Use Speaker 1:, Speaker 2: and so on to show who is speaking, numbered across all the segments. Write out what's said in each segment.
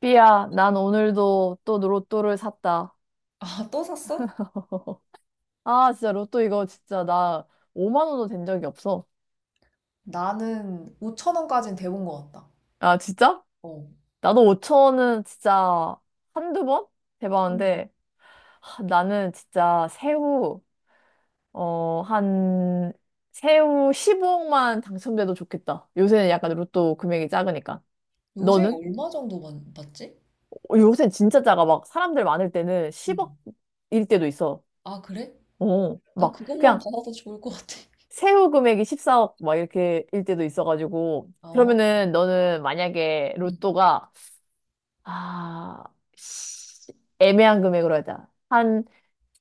Speaker 1: 삐야, 난 오늘도 또 로또를 샀다.
Speaker 2: 아, 또 샀어?
Speaker 1: 아, 진짜 로또 이거 진짜 나 5만 원도 된 적이 없어.
Speaker 2: 나는 5천 원까진 돼본 것 같다.
Speaker 1: 아, 진짜?
Speaker 2: 어.
Speaker 1: 나도 5천 원은 진짜 한두 번?
Speaker 2: 음.
Speaker 1: 대박인데, 하, 나는 진짜 어, 한, 새우 15억만 당첨돼도 좋겠다. 요새는 약간 로또 금액이 작으니까.
Speaker 2: 요새
Speaker 1: 너는?
Speaker 2: 얼마 정도 받지?
Speaker 1: 어, 요새는 진짜 작아. 막 사람들 많을 때는
Speaker 2: 음.
Speaker 1: 10억일 때도 있어.
Speaker 2: 아, 그래?
Speaker 1: 어,
Speaker 2: 나
Speaker 1: 막
Speaker 2: 그것만
Speaker 1: 그냥
Speaker 2: 받아도 좋을 것 같아.
Speaker 1: 세후 금액이 14억 막 이렇게 일 때도 있어가지고,
Speaker 2: 어.
Speaker 1: 그러면은 너는 만약에
Speaker 2: 음.
Speaker 1: 로또가 아 시- 애매한 금액으로 하자. 한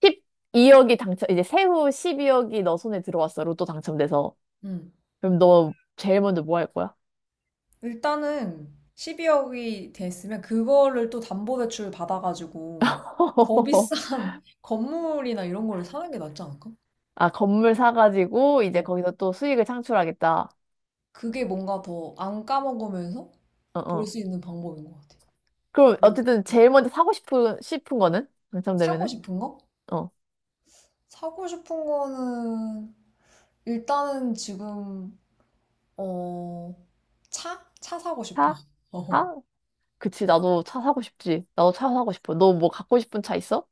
Speaker 1: 12억이 당첨, 이제 세후 12억이 너 손에 들어왔어, 로또 당첨돼서.
Speaker 2: 음.
Speaker 1: 그럼 너 제일 먼저 뭐 할 거야?
Speaker 2: 일단은 12억이 됐으면 그거를 또 담보대출 받아가지고 더 비싼 건물이나 이런 거를 사는 게 낫지 않을까?
Speaker 1: 아, 건물 사가지고 이제
Speaker 2: 어.
Speaker 1: 거기서 또 수익을 창출하겠다.
Speaker 2: 그게 뭔가 더 안 까먹으면서
Speaker 1: 어어,
Speaker 2: 볼 수 있는 방법인 것 같아.
Speaker 1: 그럼
Speaker 2: 음.
Speaker 1: 어쨌든 제일 먼저 사고 싶은 거는,
Speaker 2: 사고
Speaker 1: 당첨되면은.
Speaker 2: 싶은 거?
Speaker 1: 어,
Speaker 2: 사고 싶은 거는 일단은 지금 어 차? 차 사고 싶어.
Speaker 1: 사?
Speaker 2: 어.
Speaker 1: 사? 그치, 나도 차 사고 싶지. 나도 차 사고 싶어. 너 뭐 갖고 싶은 차 있어?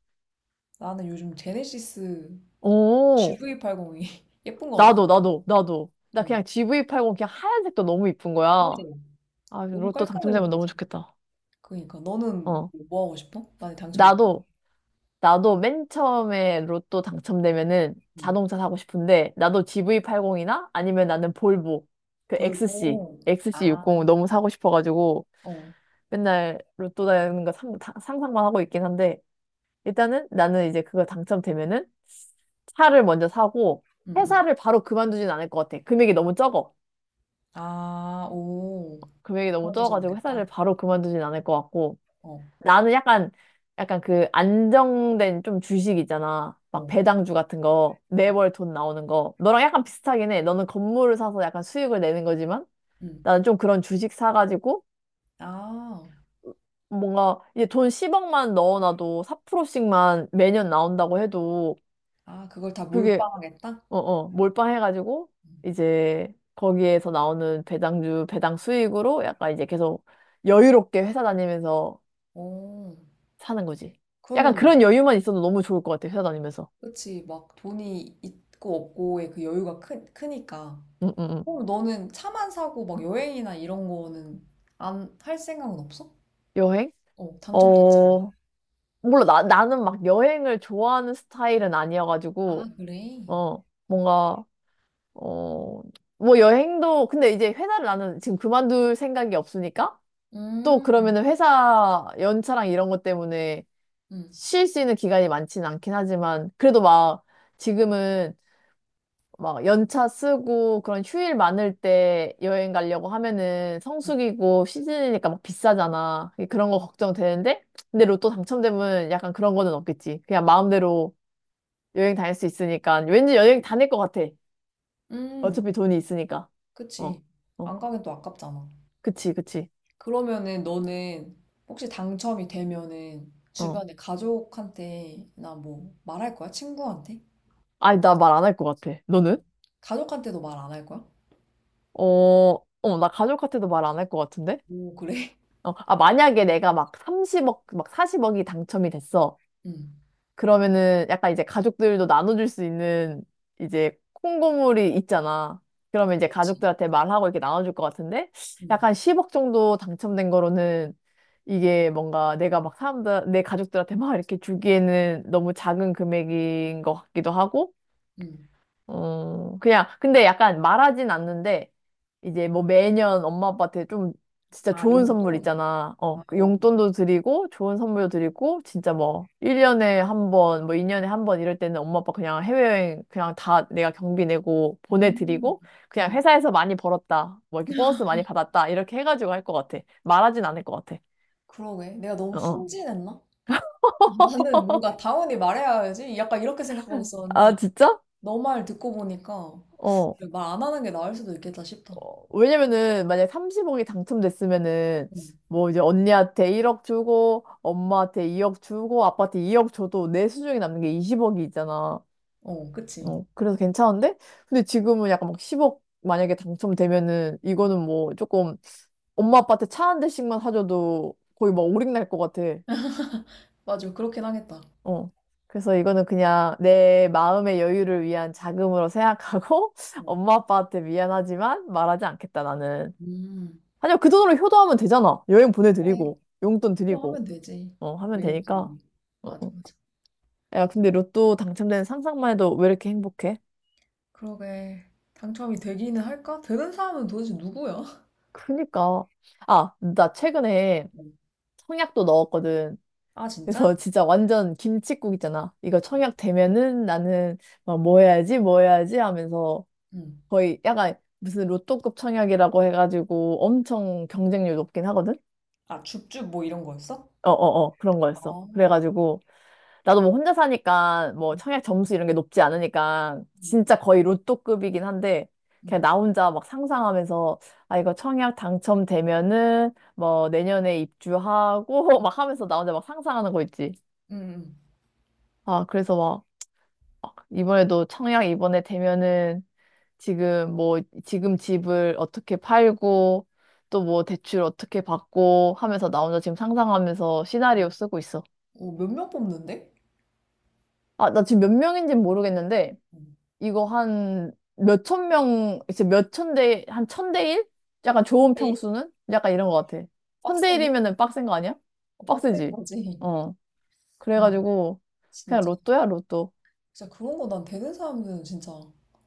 Speaker 2: 나는 요즘 제네시스
Speaker 1: 오,
Speaker 2: GV80이 예쁜 것 같아.
Speaker 1: 나도, 나도, 나도. 나
Speaker 2: 어.
Speaker 1: 그냥 GV80 그냥 하얀색도 너무 이쁜 거야.
Speaker 2: 맞아.
Speaker 1: 아,
Speaker 2: 너무
Speaker 1: 로또
Speaker 2: 깔끔해
Speaker 1: 당첨되면 너무
Speaker 2: 보이잖아.
Speaker 1: 좋겠다.
Speaker 2: 그러니까 너는
Speaker 1: 어.
Speaker 2: 뭐 하고 싶어? 만약 당첨되면?
Speaker 1: 나도, 나도 맨 처음에 로또 당첨되면은
Speaker 2: 응.
Speaker 1: 자동차 사고 싶은데, 나도 GV80이나, 아니면 나는 볼보, 그 XC,
Speaker 2: 볼고.
Speaker 1: XC60
Speaker 2: 아.
Speaker 1: 너무 사고 싶어가지고.
Speaker 2: 어.
Speaker 1: 맨날 로또 되는 거 상상만 하고 있긴 한데, 일단은 나는 이제 그거 당첨되면은 차를 먼저 사고,
Speaker 2: 응, 응.
Speaker 1: 회사를 바로 그만두진 않을 것 같아. 금액이 너무 적어.
Speaker 2: 아, 오.
Speaker 1: 금액이 너무
Speaker 2: 그만두진
Speaker 1: 적어가지고
Speaker 2: 않겠다.
Speaker 1: 회사를 바로 그만두진 않을 것 같고.
Speaker 2: 어.
Speaker 1: 나는 약간 그 안정된 좀 주식 있잖아. 막
Speaker 2: 어.
Speaker 1: 배당주 같은 거
Speaker 2: 응.
Speaker 1: 매월 돈 나오는 거, 너랑 약간 비슷하긴 해. 너는 건물을 사서 약간 수익을 내는 거지만,
Speaker 2: 응.
Speaker 1: 나는 좀 그런 주식 사가지고
Speaker 2: 아.
Speaker 1: 뭔가, 이제 돈 10억만 넣어놔도 4%씩만 매년 나온다고 해도.
Speaker 2: 아, 그걸 다
Speaker 1: 그게
Speaker 2: 몰빵하겠다?
Speaker 1: 어어, 몰빵해가지고
Speaker 2: 응.
Speaker 1: 이제 거기에서 나오는 배당주 배당 수익으로 약간 이제 계속 여유롭게 회사 다니면서
Speaker 2: 오.
Speaker 1: 사는 거지. 약간
Speaker 2: 그러면
Speaker 1: 그런 여유만 있어도 너무 좋을 것 같아, 회사 다니면서.
Speaker 2: 그치, 막 돈이 있고 없고의 그 여유가 크니까.
Speaker 1: 응응응.
Speaker 2: 그럼 너는 차만 사고 막 여행이나 이런 거는 안 할 생각은 없어?
Speaker 1: 여행?
Speaker 2: 어, 당첨됐잖아.
Speaker 1: 어, 몰라. 나 나는 막 여행을 좋아하는 스타일은
Speaker 2: 아,
Speaker 1: 아니어가지고.
Speaker 2: 그래?
Speaker 1: 어, 뭔가, 어, 뭐 여행도. 근데 이제 회사를 나는 지금 그만둘 생각이 없으니까, 또
Speaker 2: 음,
Speaker 1: 그러면은 회사 연차랑 이런 것 때문에
Speaker 2: 음,
Speaker 1: 쉴 수 있는 기간이 많지는 않긴 하지만, 그래도 막 지금은, 막 연차 쓰고 그런 휴일 많을 때 여행 가려고 하면은
Speaker 2: 어,
Speaker 1: 성수기고 시즌이니까 막 비싸잖아. 그런 거 걱정되는데, 근데
Speaker 2: 어.
Speaker 1: 로또 당첨되면 약간 그런 거는 없겠지. 그냥 마음대로 여행 다닐 수 있으니까 왠지 여행 다닐 것 같아.
Speaker 2: 음,
Speaker 1: 어차피 돈이 있으니까. 어,
Speaker 2: 그치.
Speaker 1: 어,
Speaker 2: 안 가긴 또 아깝잖아.
Speaker 1: 그치, 그치.
Speaker 2: 그러면은 너는 혹시 당첨이 되면은
Speaker 1: 어.
Speaker 2: 주변에 가족한테나 뭐 말할 거야? 친구한테?
Speaker 1: 아니, 나 말 안 할 것 같아. 너는?
Speaker 2: 가족한테도 말 안 할 거야?
Speaker 1: 어, 어, 나 가족한테도 말 안 할 것 같은데?
Speaker 2: 오, 그래?
Speaker 1: 어, 아, 만약에 내가 막 30억, 막 40억이 당첨이 됐어.
Speaker 2: 응,
Speaker 1: 그러면은 약간 이제 가족들도 나눠줄 수 있는, 이제 콩고물이 있잖아. 그러면 이제
Speaker 2: 그렇지.
Speaker 1: 가족들한테 말하고 이렇게 나눠줄 것 같은데,
Speaker 2: 응,
Speaker 1: 약간 10억 정도 당첨된 거로는, 이게 뭔가 내가 막 내 가족들한테 막 이렇게 주기에는 너무 작은 금액인 것 같기도 하고.
Speaker 2: 응.
Speaker 1: 어, 그냥, 근데 약간 말하진 않는데, 이제 뭐 매년 엄마 아빠한테 좀 진짜
Speaker 2: 아,
Speaker 1: 좋은 선물
Speaker 2: 용돈?
Speaker 1: 있잖아. 어,
Speaker 2: 아,
Speaker 1: 그
Speaker 2: 어.
Speaker 1: 용돈도 드리고, 좋은 선물도 드리고, 진짜 뭐, 1년에 한 번, 뭐 2년에 한번 이럴 때는 엄마 아빠 그냥 해외여행 그냥 다 내가 경비 내고
Speaker 2: 음,
Speaker 1: 보내드리고, 그냥
Speaker 2: 음.
Speaker 1: 회사에서 많이 벌었다, 뭐 이렇게 보너스 많이 받았다, 이렇게 해가지고 할 것 같아. 말하진 않을 것 같아.
Speaker 2: 그러게. 내가
Speaker 1: 어.
Speaker 2: 너무
Speaker 1: 어.
Speaker 2: 순진했나? 나는 뭔가 당연히 말해야지. 약간 이렇게 생각하고
Speaker 1: 아,
Speaker 2: 있었는데,
Speaker 1: 진짜?
Speaker 2: 너 말 듣고 보니까
Speaker 1: 어.
Speaker 2: 말 안 하는 게 나을 수도 있겠다 싶다.
Speaker 1: 어, 왜냐면은 만약에 30억이 당첨됐으면은
Speaker 2: 음.
Speaker 1: 뭐 이제 언니한테 1억 주고, 엄마한테 2억 주고, 아빠한테 2억 줘도 내 수중에 남는 게 20억이 있잖아.
Speaker 2: 어, 그치.
Speaker 1: 어, 그래서 괜찮은데? 근데 지금은 약간 막 10억 만약에 당첨되면은, 이거는 뭐 조금 엄마 아빠한테 차 한 대씩만 사줘도 거의 막 오링날 것 같아.
Speaker 2: 맞아. 그렇긴 하겠다.
Speaker 1: 어. 그래서 이거는 그냥 내 마음의 여유를 위한 자금으로 생각하고,
Speaker 2: 어.
Speaker 1: 엄마 아빠한테 미안하지만 말하지 않겠다 나는.
Speaker 2: 음.
Speaker 1: 아니야, 그 돈으로 효도하면 되잖아. 여행
Speaker 2: 그래.
Speaker 1: 보내드리고, 용돈 드리고,
Speaker 2: 기도하면 되지.
Speaker 1: 어, 하면
Speaker 2: 매년
Speaker 1: 되니까.
Speaker 2: 드리기.
Speaker 1: 어,
Speaker 2: 맞아,
Speaker 1: 어.
Speaker 2: 맞아.
Speaker 1: 야, 근데 로또 당첨되는 상상만 해도 왜 이렇게 행복해?
Speaker 2: 그러게. 당첨이 되기는 할까? 되는 사람은 도대체 누구야?
Speaker 1: 그니까. 아, 나 최근에
Speaker 2: 음.
Speaker 1: 청약도 넣었거든.
Speaker 2: 아, 진짜?
Speaker 1: 그래서 진짜 완전 김칫국 있잖아. 이거 청약 되면은 나는 막, 뭐 해야지, 뭐 해야지 하면서,
Speaker 2: 응.
Speaker 1: 거의 약간 무슨 로또급 청약이라고 해가지고 엄청 경쟁률 높긴 하거든?
Speaker 2: 아, 줍줍 뭐 이런 거였어?
Speaker 1: 어어어, 그런 거였어.
Speaker 2: 아,
Speaker 1: 그래가지고 나도 뭐 혼자 사니까, 뭐
Speaker 2: 음.
Speaker 1: 청약 점수 이런 게 높지 않으니까 진짜 거의 로또급이긴 한데,
Speaker 2: 응
Speaker 1: 그냥 나 혼자 막 상상하면서, 아 이거 청약 당첨되면은 뭐 내년에 입주하고 막 하면서 나 혼자 막 상상하는 거 있지.
Speaker 2: 응
Speaker 1: 아, 그래서 막 이번에도 청약 이번에 되면은, 지금 집을 어떻게 팔고, 또 뭐 대출 어떻게 받고 하면서 나 혼자 지금 상상하면서
Speaker 2: 응
Speaker 1: 시나리오 쓰고 있어.
Speaker 2: 어, 몇명 뽑는데?
Speaker 1: 아, 나 지금 몇 명인지는 모르겠는데,
Speaker 2: 음.
Speaker 1: 이거 한 몇천 명, 이제 몇천 대, 한 천 대 일? 약간 좋은
Speaker 2: 에?
Speaker 1: 평수는? 약간 이런 것 같아. 천 대
Speaker 2: 빡세네.
Speaker 1: 일이면은 빡센 거 아니야?
Speaker 2: 어, 빡센
Speaker 1: 빡세지?
Speaker 2: 거지.
Speaker 1: 어.
Speaker 2: 응
Speaker 1: 그래가지고, 그냥
Speaker 2: 진짜.
Speaker 1: 로또야, 로또.
Speaker 2: 진짜 그런 거 난 되는 사람들은 진짜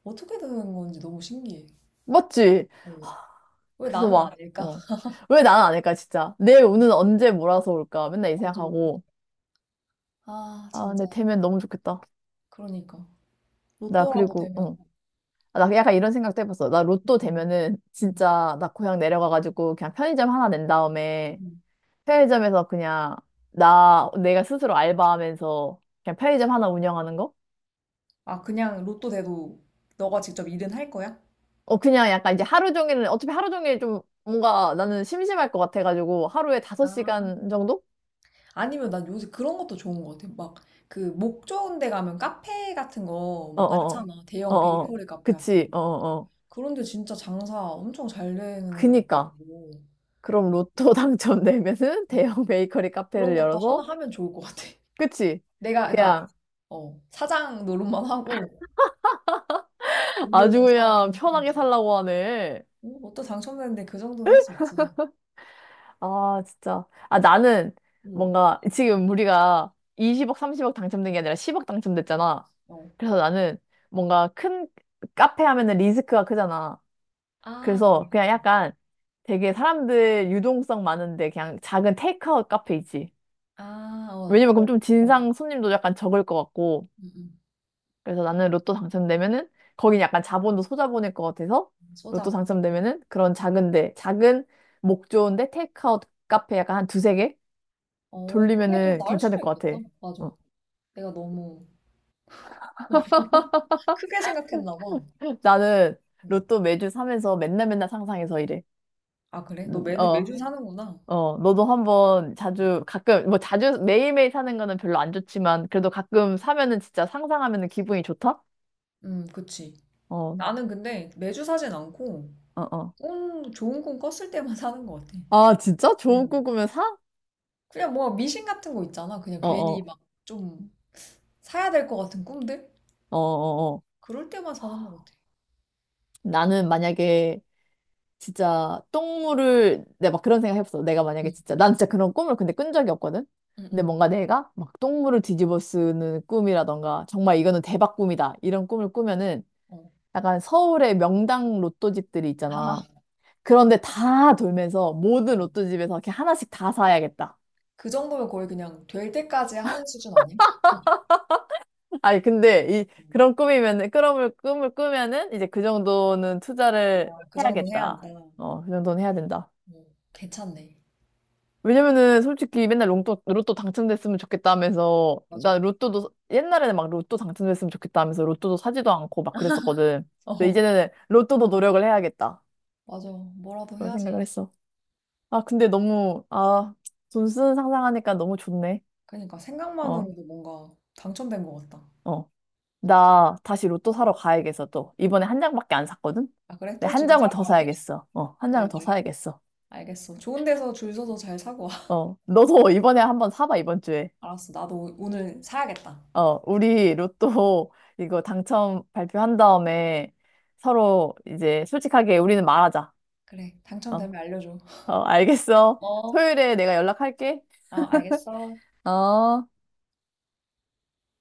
Speaker 2: 어떻게 되는 건지 너무 신기해.
Speaker 1: 맞지?
Speaker 2: 어. 왜
Speaker 1: 그래서
Speaker 2: 나는
Speaker 1: 막,
Speaker 2: 안 될까?
Speaker 1: 어. 왜 나는 안 할까, 진짜? 내 운은
Speaker 2: 그러니까.
Speaker 1: 언제 몰아서 올까? 맨날 이
Speaker 2: 맞아.
Speaker 1: 생각하고.
Speaker 2: 아,
Speaker 1: 아, 근데
Speaker 2: 진짜.
Speaker 1: 되면 너무 좋겠다.
Speaker 2: 그러니까.
Speaker 1: 나
Speaker 2: 로또라도
Speaker 1: 그리고,
Speaker 2: 되면.
Speaker 1: 응. 아, 나 약간 이런 생각도 해봤어. 나 로또
Speaker 2: 응
Speaker 1: 되면은
Speaker 2: 응
Speaker 1: 진짜 나 고향 내려가가지고 그냥 편의점 하나 낸 다음에,
Speaker 2: 응.
Speaker 1: 편의점에서 그냥 나 내가 스스로 알바하면서 그냥 편의점 하나 운영하는 거?
Speaker 2: 아, 그냥 로또 돼도 너가 직접 일은 할 거야?
Speaker 1: 어, 그냥 약간 이제 하루 종일은, 어차피 하루 종일 좀 뭔가 나는 심심할 것 같아가지고, 하루에 다섯
Speaker 2: 아.
Speaker 1: 시간 정도?
Speaker 2: 아니면 난 요새 그런 것도 좋은 것 같아. 막 그 목 좋은 데 가면 카페 같은 거
Speaker 1: 어,
Speaker 2: 막
Speaker 1: 어어,
Speaker 2: 많잖아. 대형
Speaker 1: 어어,
Speaker 2: 베이커리 카페
Speaker 1: 그치.
Speaker 2: 같은 거.
Speaker 1: 어어어,
Speaker 2: 그런데 진짜 장사 엄청 잘 되는 것 같고
Speaker 1: 그니까. 그럼 로또 당첨되면은
Speaker 2: 음,
Speaker 1: 대형 베이커리
Speaker 2: 그런
Speaker 1: 카페를
Speaker 2: 것도 하나
Speaker 1: 열어서.
Speaker 2: 하면 좋을 것 같아.
Speaker 1: 그치,
Speaker 2: 내가 그러니까
Speaker 1: 그냥
Speaker 2: 어, 사장 노릇만 하고
Speaker 1: 아주
Speaker 2: 건물만 사고
Speaker 1: 그냥
Speaker 2: 하는
Speaker 1: 편하게
Speaker 2: 거지.
Speaker 1: 살라고 하네.
Speaker 2: 어, 어떤 당첨됐는데 그 정도는 할 수 있지.
Speaker 1: 아, 진짜. 아, 나는
Speaker 2: 응.
Speaker 1: 뭔가 지금 우리가 20억, 30억 당첨된 게 아니라 10억 당첨됐잖아.
Speaker 2: 어.
Speaker 1: 그래서 나는 뭔가 큰 카페 하면은 리스크가 크잖아.
Speaker 2: 아, 그,
Speaker 1: 그래서 그냥 약간 되게 사람들 유동성 많은데 그냥 작은 테이크아웃 카페 있지.
Speaker 2: 아, 어,
Speaker 1: 왜냐면 그럼
Speaker 2: 저,
Speaker 1: 좀
Speaker 2: 어,
Speaker 1: 진상 손님도 약간 적을 것 같고.
Speaker 2: 음, 음.
Speaker 1: 그래서 나는 로또 당첨되면은 거긴 약간 자본도 소자본일 것 같아서, 로또
Speaker 2: 소자보.
Speaker 1: 당첨되면은 그런 작은데, 작은 목 좋은데 테이크아웃 카페 약간 한 두세 개?
Speaker 2: 어, 그게 더
Speaker 1: 돌리면은
Speaker 2: 나을
Speaker 1: 괜찮을
Speaker 2: 수도
Speaker 1: 것
Speaker 2: 있겠다.
Speaker 1: 같아.
Speaker 2: 맞아.
Speaker 1: 어.
Speaker 2: 내가 너무 크게 생각했나 봐.
Speaker 1: 나는
Speaker 2: 음.
Speaker 1: 로또 매주 사면서 맨날 맨날 상상해서 이래.
Speaker 2: 아, 그래? 너
Speaker 1: 어,
Speaker 2: 매주 사는구나.
Speaker 1: 어, 너도 한번,
Speaker 2: 음,
Speaker 1: 자주, 가끔, 뭐 자주 매일매일 사는 거는 별로 안 좋지만, 그래도 가끔 사면은 진짜 상상하면은 기분이 좋다?
Speaker 2: 그치.
Speaker 1: 어,
Speaker 2: 나는 근데 매주 사진 않고,
Speaker 1: 어, 어.
Speaker 2: 꿈, 좋은 꿈 꿨을 때만 사는 것 같아.
Speaker 1: 아, 진짜? 좋은 꿈
Speaker 2: 음.
Speaker 1: 꾸면 사?
Speaker 2: 그냥 뭐 미신 같은 거 있잖아. 그냥
Speaker 1: 어,
Speaker 2: 괜히
Speaker 1: 어,
Speaker 2: 막 좀 사야 될 것 같은 꿈들?
Speaker 1: 어, 어, 어.
Speaker 2: 그럴 때만 사는 것 같아.
Speaker 1: 나는 만약에 진짜 똥물을, 내가 막 그런 생각 해봤어. 내가 만약에
Speaker 2: 응,
Speaker 1: 진짜, 난 진짜 그런 꿈을 근데 꾼 적이 없거든.
Speaker 2: 응,
Speaker 1: 근데
Speaker 2: 응.
Speaker 1: 뭔가 내가 막 똥물을 뒤집어 쓰는 꿈이라던가, 정말 이거는 대박 꿈이다, 이런 꿈을 꾸면은
Speaker 2: 어.
Speaker 1: 약간 서울의 명당 로또집들이 있잖아. 그런데 다 돌면서 모든
Speaker 2: 어.
Speaker 1: 로또집에서 이렇게 하나씩 다 사야겠다.
Speaker 2: 그 정도면 거의 그냥 될 때까지 하는 수준 아니야?
Speaker 1: 아니, 근데 이 그런 꿈이면은, 그런 꿈을 꾸면은 이제 그 정도는 투자를
Speaker 2: 아, 그 정도 해야 한다.
Speaker 1: 해야겠다. 어, 그 정도는 해야 된다.
Speaker 2: 어, 괜찮네.
Speaker 1: 왜냐면은 솔직히 맨날 로또, 로또 당첨됐으면 좋겠다 하면서,
Speaker 2: 맞아.
Speaker 1: 나 로또도, 옛날에는 막 로또 당첨됐으면 좋겠다 하면서 로또도 사지도 않고 막 그랬었거든. 근데
Speaker 2: 어,
Speaker 1: 이제는 로또도 노력을 해야겠다,
Speaker 2: 맞아. 뭐라도
Speaker 1: 그런 생각을
Speaker 2: 해야지.
Speaker 1: 했어. 아, 근데 너무, 아, 돈 쓰는 상상하니까 너무 좋네.
Speaker 2: 그러니까
Speaker 1: 어,
Speaker 2: 생각만으로도 뭔가 당첨된 것 같다.
Speaker 1: 어. 나 다시 로또 사러 가야겠어, 또. 이번에 한 장밖에 안 샀거든?
Speaker 2: 아, 그래?
Speaker 1: 근데
Speaker 2: 또
Speaker 1: 한
Speaker 2: 지금
Speaker 1: 장을
Speaker 2: 사러
Speaker 1: 더
Speaker 2: 가게?
Speaker 1: 사야겠어. 어, 한
Speaker 2: 그래,
Speaker 1: 장을 더
Speaker 2: 그래.
Speaker 1: 사야겠어.
Speaker 2: 알겠어. 좋은 데서 줄 서서 잘 사고 와.
Speaker 1: 어, 너도 이번에 한번 사봐, 이번 주에.
Speaker 2: 알았어. 나도 오늘 사야겠다.
Speaker 1: 어, 우리 로또 이거 당첨 발표한 다음에 서로 이제 솔직하게 우리는 말하자.
Speaker 2: 그래.
Speaker 1: 어,
Speaker 2: 당첨되면 알려줘.
Speaker 1: 어, 알겠어.
Speaker 2: 어,
Speaker 1: 토요일에 내가 연락할게.
Speaker 2: 아, 알겠어.
Speaker 1: 어.